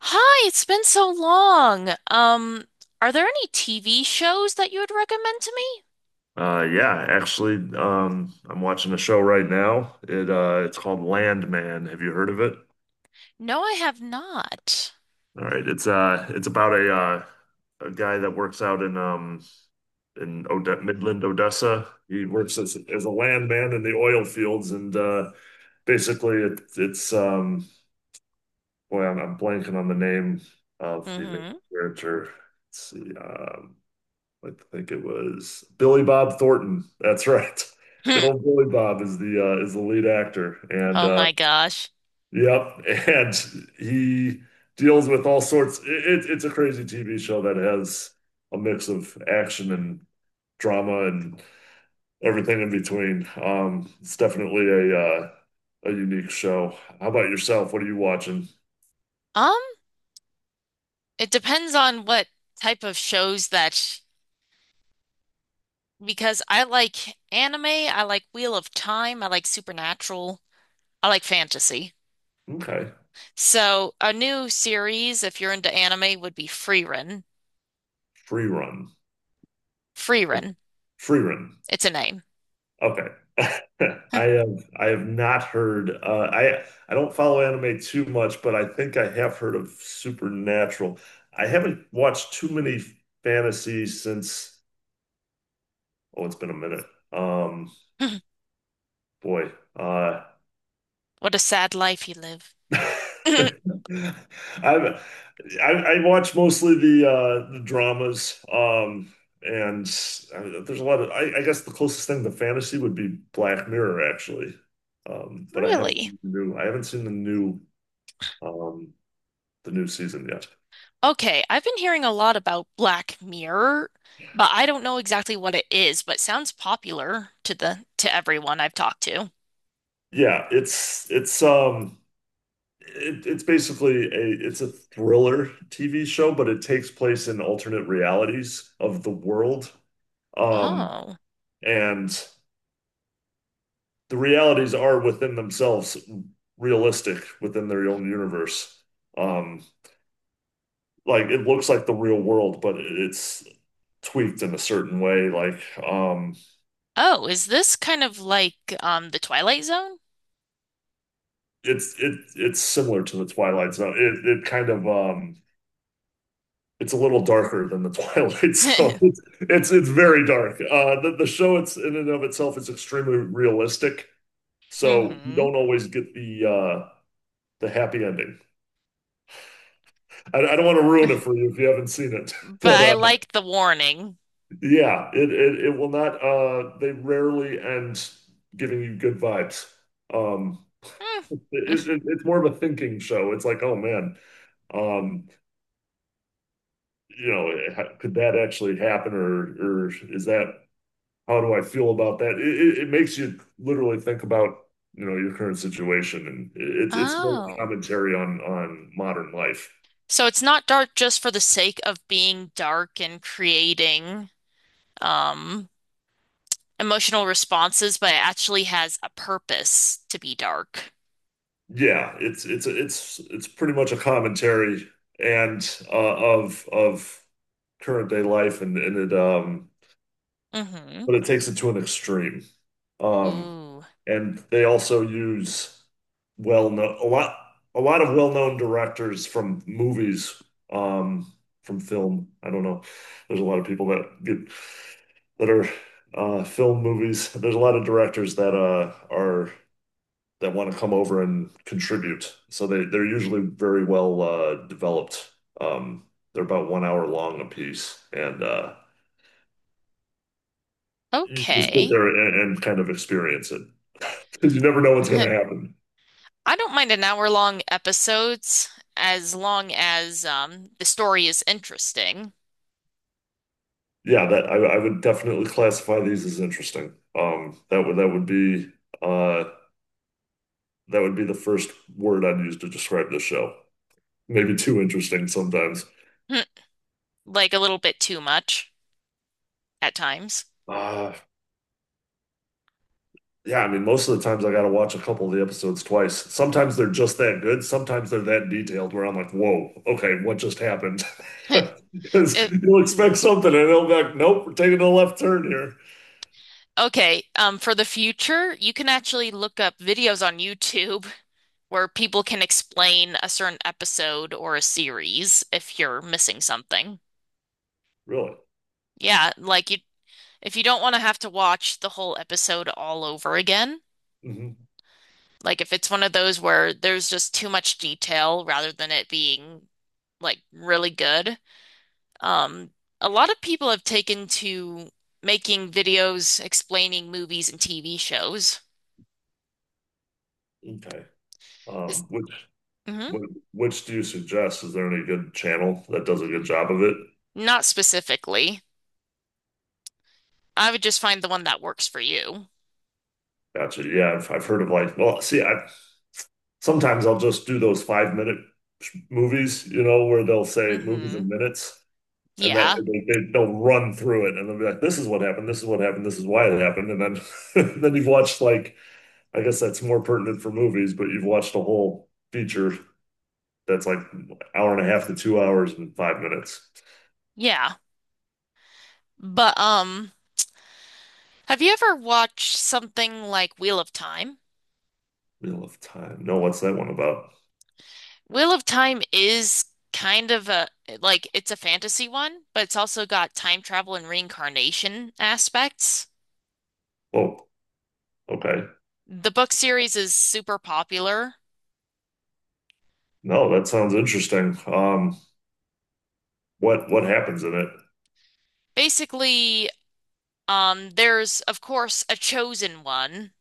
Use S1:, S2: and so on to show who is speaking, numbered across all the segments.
S1: Hi, it's been so long. Are there any TV shows that you would recommend to me?
S2: Yeah, actually, I'm watching a show right now. It's called Landman. Have you heard of it?
S1: No, I have not.
S2: All right, it's about a guy that works out in in Ode Midland, Odessa. He works as a landman in the oil fields, and basically, it, it's boy, I'm blanking on the name of the main
S1: Mm-hmm.
S2: character. Let's see, I think it was Billy Bob Thornton. That's right. Good old Billy Bob is the lead actor, and
S1: Oh my gosh.
S2: yep, and he deals with all sorts. It's a crazy TV show that has a mix of action and drama and everything in between. It's definitely uh, a unique show. How about yourself? What are you watching?
S1: Um, it depends on what type of shows that, because I like anime, I like Wheel of Time, I like Supernatural, I like fantasy.
S2: Okay,
S1: So a new series, if you're into anime, would be Frieren.
S2: Free Run,
S1: Frieren.
S2: Free Run.
S1: It's a name.
S2: Okay. I have I have not heard uh, I don't follow anime too much, but I think I have heard of Supernatural. I haven't watched too many fantasies since oh, it's been a minute. Um, boy, uh,
S1: What a sad life you live.
S2: i I watch mostly the dramas and there's a lot of I guess the closest thing to fantasy would be Black Mirror actually but
S1: Really?
S2: I haven't seen um the new season yet.
S1: Okay, I've been hearing a lot about Black Mirror, but I don't know exactly what it is, but sounds popular to everyone I've talked to.
S2: Yeah, it's basically a it's a thriller TV show, but it takes place in alternate realities of the world, um
S1: Oh.
S2: and the realities are within themselves realistic within their own universe. Um, like it looks like the real world, but it's tweaked in a certain way. Like um,
S1: Oh, is this kind of like the Twilight Zone?
S2: it's similar to the Twilight Zone. It kind of it's a little darker than the Twilight Zone. It's very dark. The show it's in and of itself is extremely realistic, so you
S1: Hmm.
S2: don't always get the happy ending. I don't want to ruin it for you if you haven't seen it,
S1: But
S2: but
S1: I like the warning.
S2: yeah, it will not they rarely end giving you good vibes. Um
S1: Hmm.
S2: it, it's more of a thinking show. It's like, oh man, um you know, could that actually happen, or is that how do I feel about that? It makes you literally think about, you know, your current situation, and it's more
S1: Oh.
S2: commentary on modern life.
S1: So it's not dark just for the sake of being dark and creating um emotional responses, but it actually has a purpose to be dark.
S2: Yeah, it's pretty much a commentary and uh, of current day life, and it
S1: Mm-hmm.
S2: but it takes it to an extreme. Um
S1: Ooh.
S2: and they also use well-known a lot of well-known directors from movies um from film. I don't know. There's a lot of people that get that are film movies. There's a lot of directors that are that want to come over and contribute. So they're usually very well developed. Um, they're about one hour long a piece, and you just sit
S1: Okay.
S2: there and kind of experience it, because you never know what's going
S1: I
S2: to happen.
S1: don't mind an hour long episodes as long as the story is interesting.
S2: Yeah, that I would definitely classify these as interesting. Um, that would that would be uh, that would be the first word I'd use to describe this show. Maybe too interesting sometimes.
S1: Like a little bit too much at times.
S2: Uh, Yeah, I mean, most of the times I got to watch a couple of the episodes twice. Sometimes they're just that good. Sometimes they're that detailed where I'm like, whoa, okay, what just happened? Because
S1: It-
S2: you'll expect something and they'll be like, nope, we're taking a left turn here.
S1: okay, for the future, you can actually look up videos on YouTube where people can explain a certain episode or a series if you're missing something.
S2: Really?
S1: Yeah, like you if you don't want to have to watch the whole episode all over again.
S2: Hmm.
S1: Like if it's one of those where there's just too much detail rather than it being like really good. Um, a lot of people have taken to making videos explaining movies and TV shows.
S2: Okay.
S1: Is
S2: Um, which,
S1: hmm
S2: which do you suggest? Is there any good channel that does a good job of it?
S1: Not specifically. I would just find the one that works for you.
S2: Gotcha. Yeah, I've heard of like, well, see, I sometimes I'll just do those 5 minute movies, you know, where they'll say movies
S1: Hmm.
S2: in minutes. And that
S1: Yeah.
S2: way they'll run through it, and they'll be like, this is what happened, this is what happened, this is why it happened. And then then you've watched like I guess that's more pertinent for movies, but you've watched a whole feature that's like an hour and a half to 2 hours and 5 minutes.
S1: Yeah. But have you ever watched something like Wheel of Time?
S2: Wheel of Time. No, what's that one about?
S1: Wheel of Time is kind of a like it's a fantasy one, but it's also got time travel and reincarnation aspects.
S2: Oh, okay.
S1: The book series is super popular.
S2: No, that sounds interesting. What happens in
S1: Basically, there's of course a chosen one,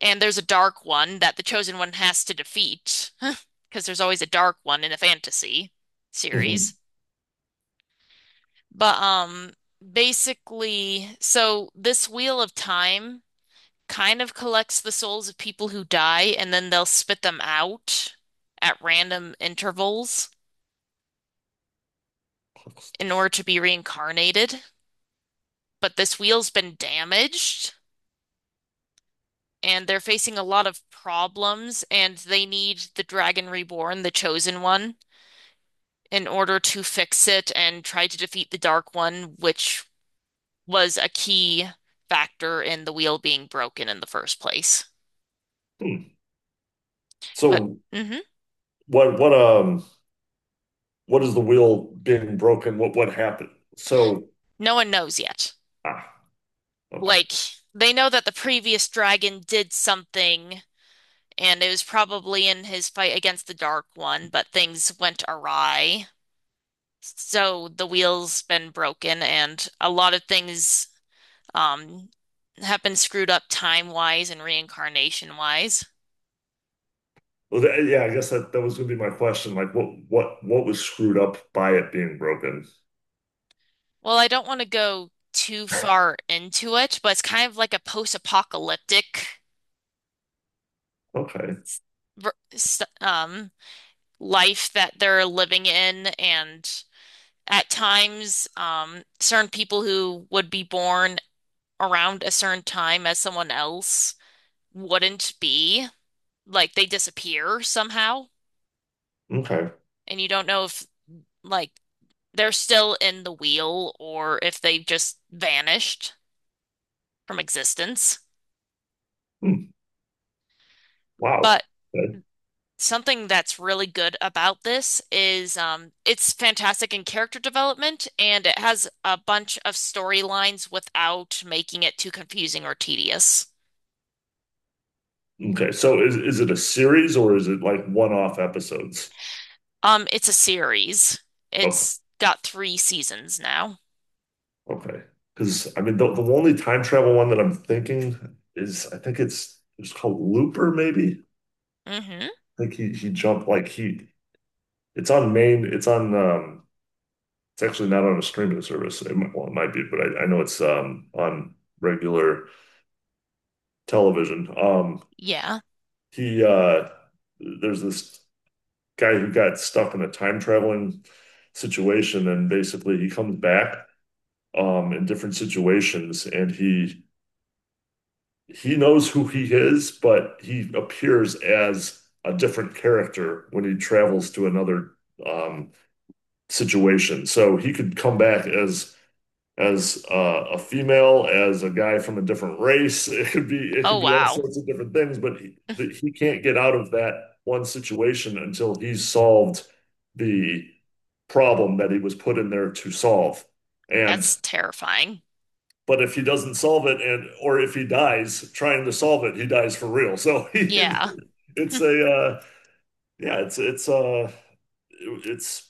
S1: and there's a dark one that the chosen one has to defeat because there's always a dark one in a fantasy
S2: it?
S1: series. But basically, so this Wheel of Time kind of collects the souls of people who die and then they'll spit them out at random intervals in order to be reincarnated. But this wheel's been damaged and they're facing a lot of problems and they need the Dragon Reborn, the chosen one, in order to fix it and try to defeat the Dark One, which was a key factor in the wheel being broken in the first place.
S2: Hmm.
S1: But
S2: So
S1: mhm,
S2: what what um what is the wheel being broken? What happened? So
S1: no one knows yet.
S2: ah okay.
S1: Like they know that the previous dragon did something, and it was probably in his fight against the Dark One, but things went awry. So the wheel's been broken, and a lot of things um have been screwed up time-wise and reincarnation-wise.
S2: Well, that, yeah, I guess that was gonna be my question. Like, what was screwed up by it being broken?
S1: Well, I don't want to go too far into it, but it's kind of like a post-apocalyptic
S2: Okay.
S1: ver- s- um life that they're living in and at times, certain people who would be born around a certain time as someone else wouldn't be. Like they disappear somehow,
S2: Okay.
S1: and you don't know if like they're still in the wheel or if they just vanished from existence.
S2: Hmm. Wow.
S1: But
S2: Okay.
S1: something that's really good about this is it's fantastic in character development and it has a bunch of storylines without making it too confusing or tedious.
S2: Okay. So is it a series, or is it like one-off episodes?
S1: It's a series.
S2: Okay.
S1: It's got 3 seasons now.
S2: Okay. Because I mean, the only time travel one that I'm thinking is I think it's called Looper. Maybe
S1: Mm-hmm.
S2: I think he jumped like he it's on it's actually not on a streaming service. It might, well, it might be, but I know it's on regular television.
S1: Yeah.
S2: He there's this guy who got stuck in a time traveling situation, and basically he comes back in different situations, and he knows who he is, but he appears as a different character when he travels to another um, situation. So he could come back as a female, as a guy from a different race. It could be it
S1: Oh
S2: could be all
S1: wow.
S2: sorts of different things, but he can't get out of that one situation until he's solved the problem that he was put in there to solve. And
S1: That's terrifying.
S2: but if he doesn't solve it, and or if he dies trying to solve it, he dies for real. So he,
S1: Yeah. Hmm.
S2: it's a yeah, it's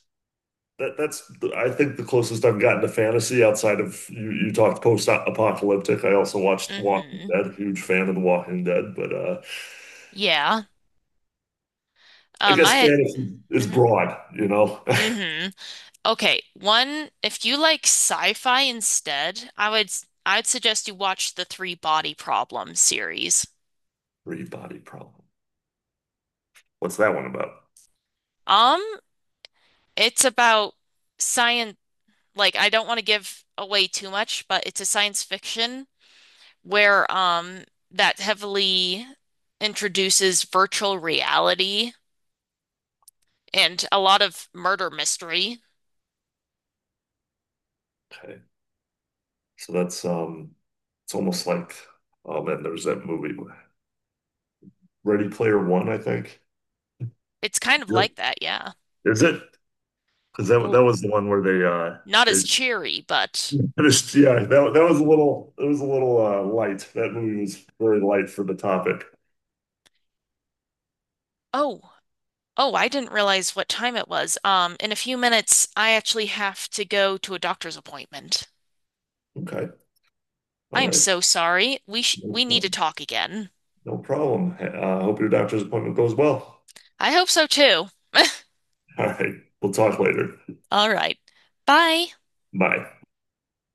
S2: that's I think the closest I've gotten to fantasy outside of you talked post-apocalyptic. I also watched The Walking
S1: Mm-hmm.
S2: Dead, huge fan of The Walking Dead, but
S1: Yeah.
S2: I guess
S1: I
S2: fantasy is
S1: Mm-hmm.
S2: broad, you know.
S1: Mm-hmm. Okay. One, if you like sci-fi instead, I'd suggest you watch the Three Body Problem series.
S2: Free body problem. What's that one about?
S1: Um, it's about science like I don't want to give away too much, but it's a science fiction where that heavily introduces virtual reality and a lot of murder mystery.
S2: Okay. So that's it's almost like oh man, there's that movie Ready Player One, I think.
S1: It's kind of
S2: Yep.
S1: like that, yeah.
S2: Is it? Because
S1: L-
S2: that was the one where they
S1: Not as
S2: they
S1: cheery, but
S2: finished yeah, that that was a little it was a little light. That movie was very light for the topic.
S1: oh, oh, I didn't realize what time it was. In a few minutes, I actually have to go to a doctor's appointment.
S2: Okay, all
S1: I am
S2: right.
S1: so sorry.
S2: No
S1: We need to
S2: problem.
S1: talk again.
S2: No problem. I hope your doctor's appointment goes well.
S1: I hope so too.
S2: All right, we'll talk later.
S1: All right. Bye.
S2: Bye.